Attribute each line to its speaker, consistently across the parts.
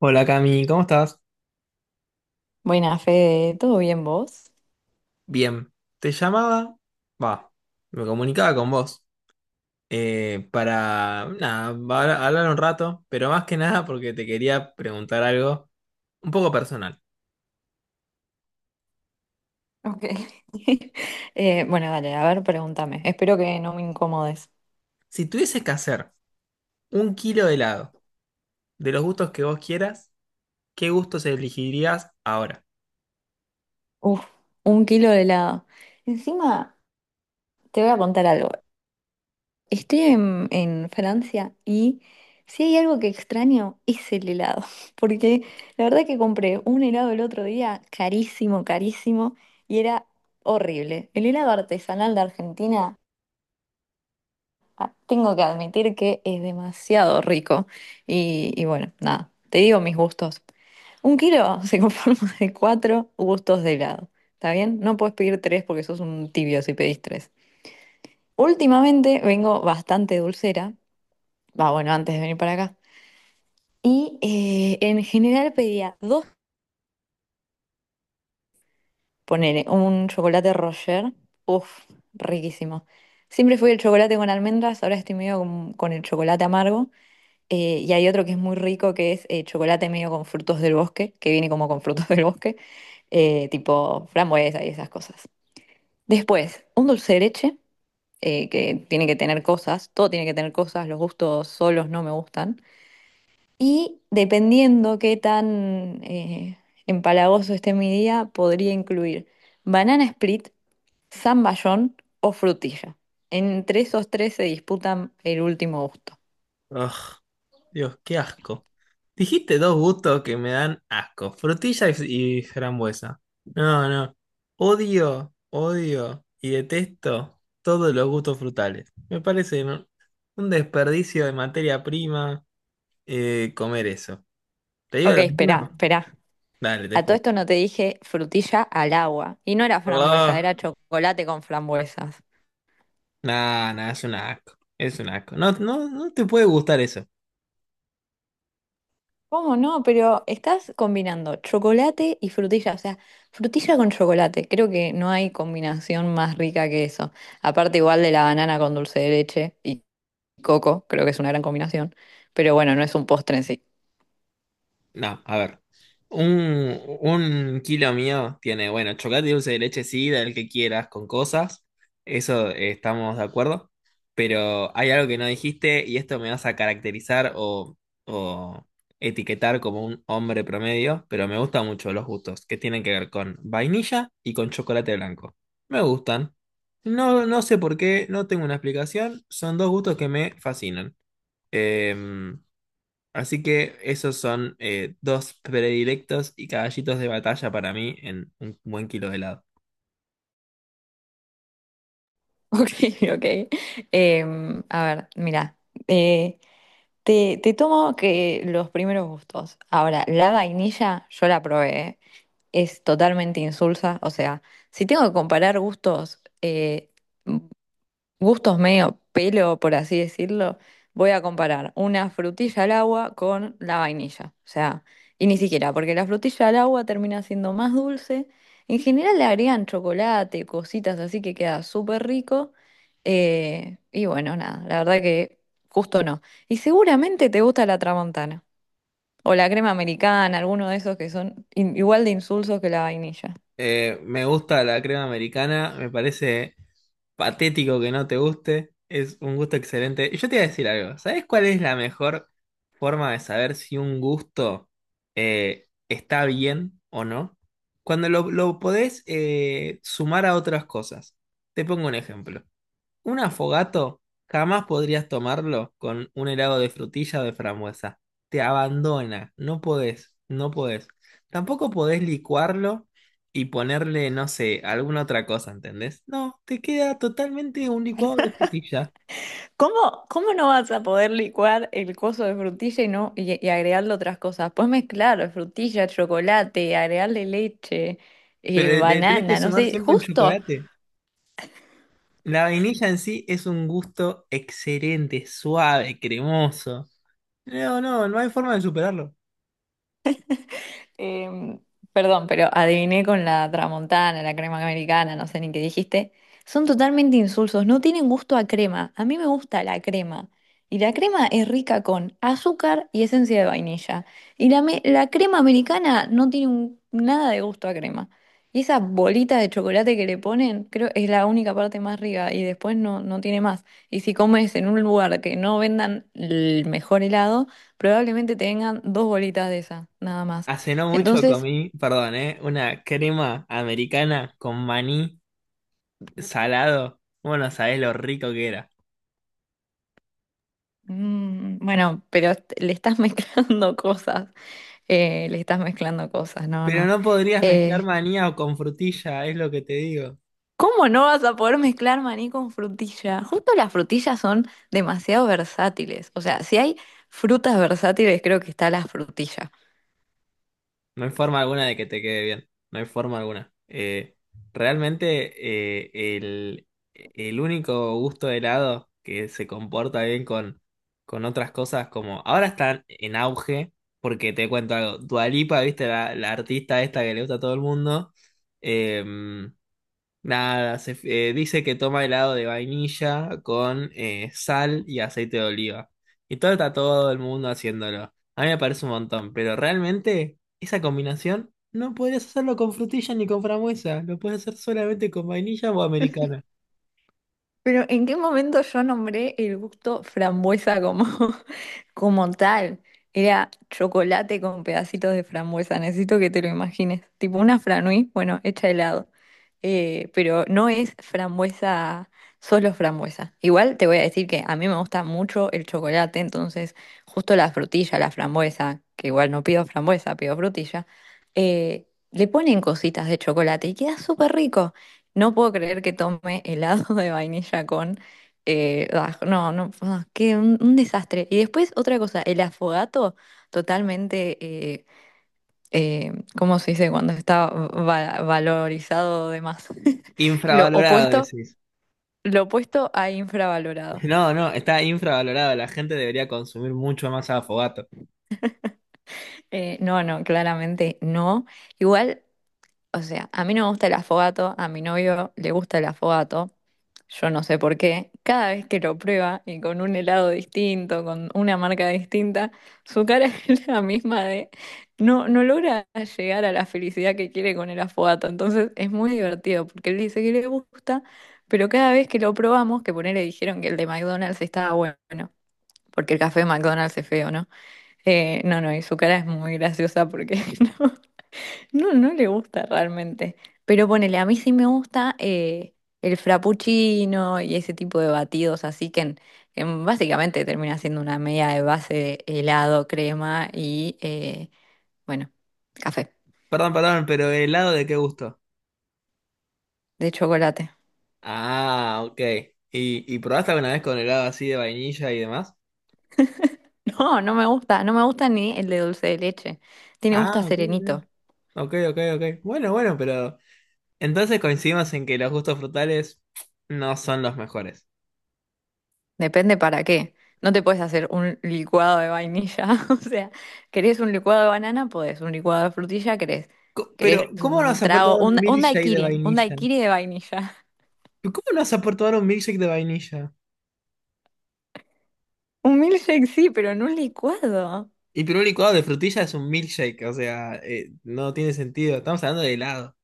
Speaker 1: Hola Cami, ¿cómo estás?
Speaker 2: Buenas, Fede, ¿todo bien vos?
Speaker 1: Bien, te llamaba, va, me comunicaba con vos para, nada, hablar un rato, pero más que nada porque te quería preguntar algo un poco personal.
Speaker 2: Ok. Bueno, dale, a ver, pregúntame. Espero que no me incomodes.
Speaker 1: Si tuvieses que hacer un kilo de helado de los gustos que vos quieras, ¿qué gustos elegirías ahora?
Speaker 2: Uf, un kilo de helado. Encima, te voy a contar algo. Estoy en Francia y si hay algo que extraño es el helado. Porque la verdad que compré un helado el otro día, carísimo, carísimo, y era horrible. El helado artesanal de Argentina. Tengo que admitir que es demasiado rico. Y bueno, nada, te digo mis gustos. Un kilo se conforma de cuatro gustos de helado. ¿Está bien? No puedes pedir tres porque sos un tibio si pedís tres. Últimamente vengo bastante dulcera. Va, bueno, antes de venir para acá. Y en general pedía dos. Ponele un chocolate Roger. Uf, riquísimo. Siempre fui el chocolate con almendras, ahora estoy medio con el chocolate amargo. Y hay otro que es muy rico, que es chocolate medio con frutos del bosque, que viene como con frutos del bosque, tipo frambuesa y esas cosas. Después, un dulce de leche, que tiene que tener cosas, todo tiene que tener cosas, los gustos solos no me gustan. Y dependiendo qué tan empalagoso esté mi día, podría incluir banana split, zamballón o frutilla. Entre esos tres se disputan el último gusto.
Speaker 1: Ugh. Dios, qué asco. Dijiste dos gustos que me dan asco, frutilla y, frambuesa. No, no. Odio, odio y detesto todos los gustos frutales. Me parece un desperdicio de materia prima, comer eso. ¿Te digo
Speaker 2: Ok,
Speaker 1: lo mío?
Speaker 2: espera, espera.
Speaker 1: Dale, te
Speaker 2: A todo
Speaker 1: escucho.
Speaker 2: esto no te dije frutilla al agua. Y no era frambuesa,
Speaker 1: Oh,
Speaker 2: era chocolate con frambuesas.
Speaker 1: no, no, es un asco. Es un asco. No, no, no te puede gustar eso.
Speaker 2: ¿Cómo no? Pero estás combinando chocolate y frutilla. O sea, frutilla con chocolate. Creo que no hay combinación más rica que eso. Aparte igual de la banana con dulce de leche y coco, creo que es una gran combinación. Pero bueno, no es un postre en sí.
Speaker 1: No, a ver. Un kilo mío tiene, bueno, chocolate y dulce de leche, sí, del que quieras, con cosas. Eso, estamos de acuerdo. Pero hay algo que no dijiste y esto me vas a caracterizar o etiquetar como un hombre promedio, pero me gustan mucho los gustos que tienen que ver con vainilla y con chocolate blanco. Me gustan. No, no sé por qué, no tengo una explicación. Son dos gustos que me fascinan. Em, así que esos son, dos predilectos y caballitos de batalla para mí en un buen kilo de helado.
Speaker 2: Ok, ok. Em, a ver, mira. Eh, te tomo que los primeros gustos. Ahora, la vainilla yo la probé, ¿eh? Es totalmente insulsa. O sea, si tengo que comparar gustos, gustos medio pelo, por así decirlo, voy a comparar una frutilla al agua con la vainilla. O sea, y ni siquiera, porque la frutilla al agua termina siendo más dulce. En general le agregan chocolate, cositas así que queda súper rico. Y bueno, nada, la verdad que justo no. Y seguramente te gusta la tramontana. O la crema americana, alguno de esos que son igual de insulsos que la vainilla.
Speaker 1: Me gusta la crema americana, me parece patético que no te guste, es un gusto excelente. Y yo te iba a decir algo, ¿sabes cuál es la mejor forma de saber si un gusto, está bien o no? Cuando lo podés, sumar a otras cosas. Te pongo un ejemplo. Un afogato jamás podrías tomarlo con un helado de frutilla o de frambuesa. Te abandona, no podés, no podés. Tampoco podés licuarlo y ponerle, no sé, alguna otra cosa, ¿entendés? No, te queda totalmente un licuado de frutilla.
Speaker 2: ¿Cómo, cómo no vas a poder licuar el coso de frutilla y no y agregarle otras cosas? Puedes mezclar frutilla, chocolate, agregarle leche,
Speaker 1: Pero le tenés que
Speaker 2: banana, no
Speaker 1: sumar
Speaker 2: sé,
Speaker 1: siempre un
Speaker 2: justo.
Speaker 1: chocolate. La vainilla en sí es un gusto excelente, suave, cremoso. No, no, no hay forma de superarlo.
Speaker 2: Em, Perdón, pero adiviné con la tramontana, la crema americana, no sé ni qué dijiste. Son totalmente insulsos, no tienen gusto a crema. A mí me gusta la crema. Y la crema es rica con azúcar y esencia de vainilla. Y la crema americana no tiene nada de gusto a crema. Y esa bolita de chocolate que le ponen, creo es la única parte más rica y después no, no tiene más. Y si comes en un lugar que no vendan el mejor helado, probablemente te vengan dos bolitas de esa, nada más.
Speaker 1: Hace no mucho
Speaker 2: Entonces,
Speaker 1: comí, perdón, ¿eh? Una crema americana con maní salado. Bueno, sabés lo rico que era.
Speaker 2: bueno, pero le estás mezclando cosas, le estás mezclando cosas, no,
Speaker 1: Pero
Speaker 2: no.
Speaker 1: no podrías mezclar
Speaker 2: Eh,
Speaker 1: maní o con frutilla, es lo que te digo.
Speaker 2: ¿Cómo no vas a poder mezclar maní con frutilla? Justo las frutillas son demasiado versátiles, o sea, si hay frutas versátiles, creo que está la frutilla.
Speaker 1: No hay forma alguna de que te quede bien. No hay forma alguna. Realmente, eh, el, el único gusto de helado que se comporta bien con otras cosas como... Ahora están en auge, porque te cuento algo. Dua Lipa, viste, la artista esta que le gusta a todo el mundo. em, Nada, dice que toma helado de vainilla con, sal y aceite de oliva. Y todo está todo el mundo haciéndolo. A mí me parece un montón, pero realmente esa combinación no podrías hacerlo con frutilla ni con frambuesa. Lo puedes hacer solamente con vainilla o americana.
Speaker 2: Pero ¿en qué momento yo nombré el gusto frambuesa como, como tal? Era chocolate con pedacitos de frambuesa, necesito que te lo imagines. Tipo una franui, bueno, hecha de helado. Pero no es frambuesa, solo frambuesa. Igual te voy a decir que a mí me gusta mucho el chocolate, entonces justo la frutilla, la frambuesa, que igual no pido frambuesa, pido frutilla, le ponen cositas de chocolate y queda súper rico. No puedo creer que tome helado de vainilla con... no, no, ah, qué un desastre. Y después otra cosa, el afogato totalmente, eh, eh, ¿cómo se dice? Cuando está valorizado de más. Lo
Speaker 1: Infravalorado,
Speaker 2: opuesto,
Speaker 1: decís.
Speaker 2: lo opuesto a infravalorado.
Speaker 1: No, no, está infravalorado. La gente debería consumir mucho más afogato.
Speaker 2: No, no, claramente no. Igual, o sea, a mí no me gusta el afogato, a mi novio le gusta el afogato, yo no sé por qué. Cada vez que lo prueba y con un helado distinto, con una marca distinta, su cara es la misma de no, no logra llegar a la felicidad que quiere con el afogato. Entonces es muy divertido porque él dice que le gusta, pero cada vez que lo probamos, que por él le dijeron que el de McDonald's estaba bueno, porque el café de McDonald's es feo, ¿no? No, no, y su cara es muy graciosa porque no. No, no le gusta realmente. Pero ponele, a mí sí me gusta el frappuccino y ese tipo de batidos, así que en básicamente termina siendo una media de base de helado, crema y, bueno, café
Speaker 1: Perdón, perdón, pero ¿el helado de qué gusto?
Speaker 2: de chocolate.
Speaker 1: Ah, ok. Y probaste alguna vez con helado así de vainilla y demás?
Speaker 2: No, no me gusta, no me gusta ni el de dulce de leche. Tiene gusto
Speaker 1: Ah,
Speaker 2: a
Speaker 1: ok, ok.
Speaker 2: serenito.
Speaker 1: Ok, ok, ok. Bueno, bueno, pero entonces coincidimos en que los gustos frutales no son los mejores.
Speaker 2: Depende para qué. No te puedes hacer un licuado de vainilla. O sea, ¿querés un licuado de banana? Podés. Un licuado de frutilla, querés.
Speaker 1: Pero,
Speaker 2: ¿Querés
Speaker 1: ¿cómo nos
Speaker 2: un
Speaker 1: has
Speaker 2: trago?
Speaker 1: aportado un
Speaker 2: Un
Speaker 1: milkshake de
Speaker 2: daiquiri. Un
Speaker 1: vainilla?
Speaker 2: daiquiri de vainilla.
Speaker 1: ¿Pero ¿cómo nos has aportado un milkshake de vainilla?
Speaker 2: Un milkshake sí, pero en un licuado.
Speaker 1: Y pero un licuado de frutilla es un milkshake, o sea, no tiene sentido. Estamos hablando de helado.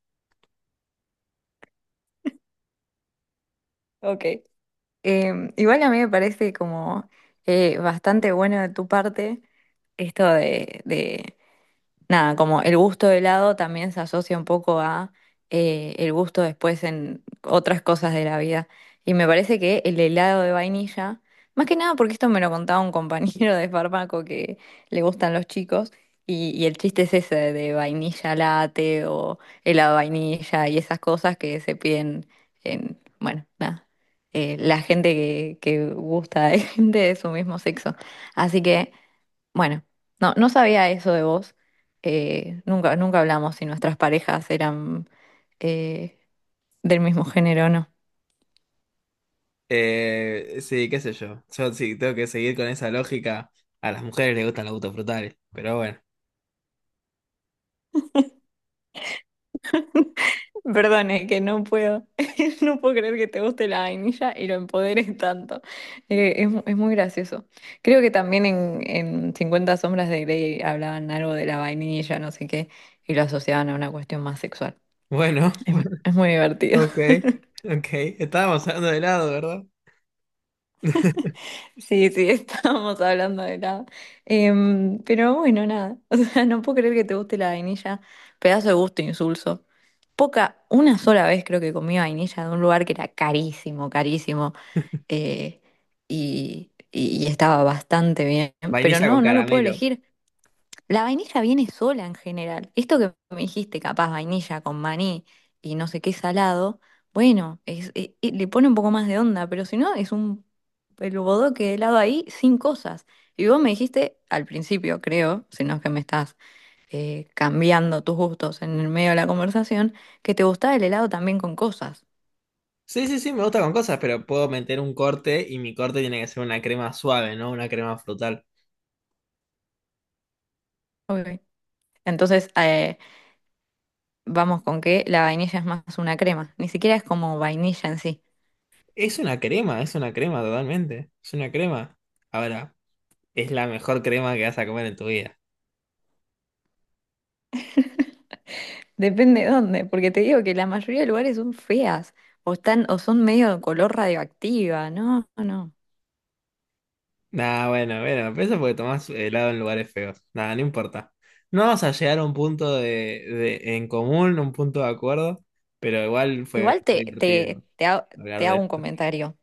Speaker 2: Ok. Igual a mí me parece como bastante bueno de tu parte esto de nada, como el gusto de helado también se asocia un poco a el gusto después en otras cosas de la vida. Y me parece que el helado de vainilla, más que nada porque esto me lo contaba un compañero de fármaco que le gustan los chicos, y el chiste es ese de vainilla latte o helado de vainilla y esas cosas que se piden en, bueno, nada, la gente que gusta de gente de su mismo sexo. Así que... Bueno, no, no sabía eso de vos. Nunca, nunca hablamos si nuestras parejas eran eh, del mismo género o no.
Speaker 1: Sí, qué sé yo. Yo sí tengo que seguir con esa lógica. A las mujeres les gustan los gustos frutales, pero bueno.
Speaker 2: Perdón, es que no puedo, no puedo creer que te guste la vainilla y lo empoderes tanto. Es muy gracioso. Creo que también en 50 sombras de Grey hablaban algo de la vainilla, no sé qué, y lo asociaban a una cuestión más sexual.
Speaker 1: Bueno,
Speaker 2: Es, es muy divertido.
Speaker 1: ok, ok. Estábamos hablando de helado, ¿verdad?
Speaker 2: Sí, sí, estábamos hablando de helado. Em, pero bueno, nada. O sea, no puedo creer que te guste la vainilla. Pedazo de gusto insulso. Poca, una sola vez creo que comí vainilla de un lugar que era carísimo, carísimo. eh, y, y estaba bastante bien. Pero
Speaker 1: Vainilla
Speaker 2: no,
Speaker 1: con
Speaker 2: no lo puedo
Speaker 1: caramelo.
Speaker 2: elegir. La vainilla viene sola en general. Esto que me dijiste, capaz vainilla con maní y no sé qué salado, bueno, le pone un poco más de onda, pero si no, es un el bodoque de helado ahí sin cosas. Y vos me dijiste al principio, creo, si no es que me estás cambiando tus gustos en el medio de la conversación, que te gustaba el helado también con cosas.
Speaker 1: Sí, sí, sí, me gusta con cosas, pero puedo meter un corte y mi corte tiene que ser una crema suave, no una crema frutal.
Speaker 2: Ok. Entonces, vamos con que la vainilla es más una crema, ni siquiera es como vainilla en sí.
Speaker 1: Es una crema totalmente. Es una crema. Ahora, es la mejor crema que vas a comer en tu vida.
Speaker 2: Depende de dónde, porque te digo que la mayoría de lugares son feas o están o son medio de color radioactiva, no, no, no.
Speaker 1: Nah, bueno, bueno, pero eso porque tomás helado en lugares feos. Nada, no importa. No vamos a llegar a un punto de, en común, un punto de acuerdo, pero igual fue
Speaker 2: Igual
Speaker 1: muy divertido hablar
Speaker 2: te
Speaker 1: de
Speaker 2: hago un
Speaker 1: esto.
Speaker 2: comentario.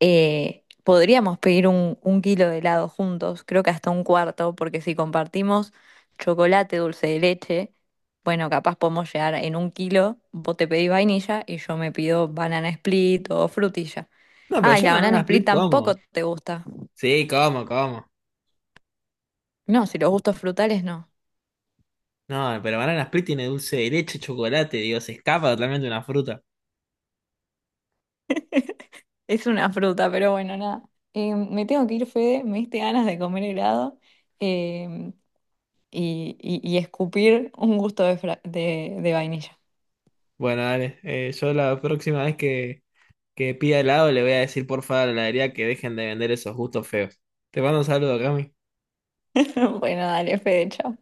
Speaker 2: Podríamos pedir un kilo de helado juntos, creo que hasta un cuarto, porque si compartimos chocolate, dulce de leche, bueno, capaz podemos llegar en un kilo, vos te pedís vainilla y yo me pido banana split o frutilla.
Speaker 1: No, pero
Speaker 2: Ah, y
Speaker 1: yo
Speaker 2: la banana
Speaker 1: nada,
Speaker 2: split
Speaker 1: split
Speaker 2: tampoco
Speaker 1: como.
Speaker 2: te gusta.
Speaker 1: Sí, como, como.
Speaker 2: No, si los gustos frutales no.
Speaker 1: No, pero banana split tiene dulce de leche, chocolate, digo, se escapa totalmente una fruta.
Speaker 2: Es una fruta, pero bueno, nada. Me tengo que ir, Fede. Me diste ganas de comer helado eh, y escupir un gusto de, de vainilla.
Speaker 1: Bueno, dale, yo la próxima vez que pida helado le voy a decir por favor a la heladería que dejen de vender esos gustos feos. Te mando un saludo, Cami.
Speaker 2: Bueno, dale, Fede, chao.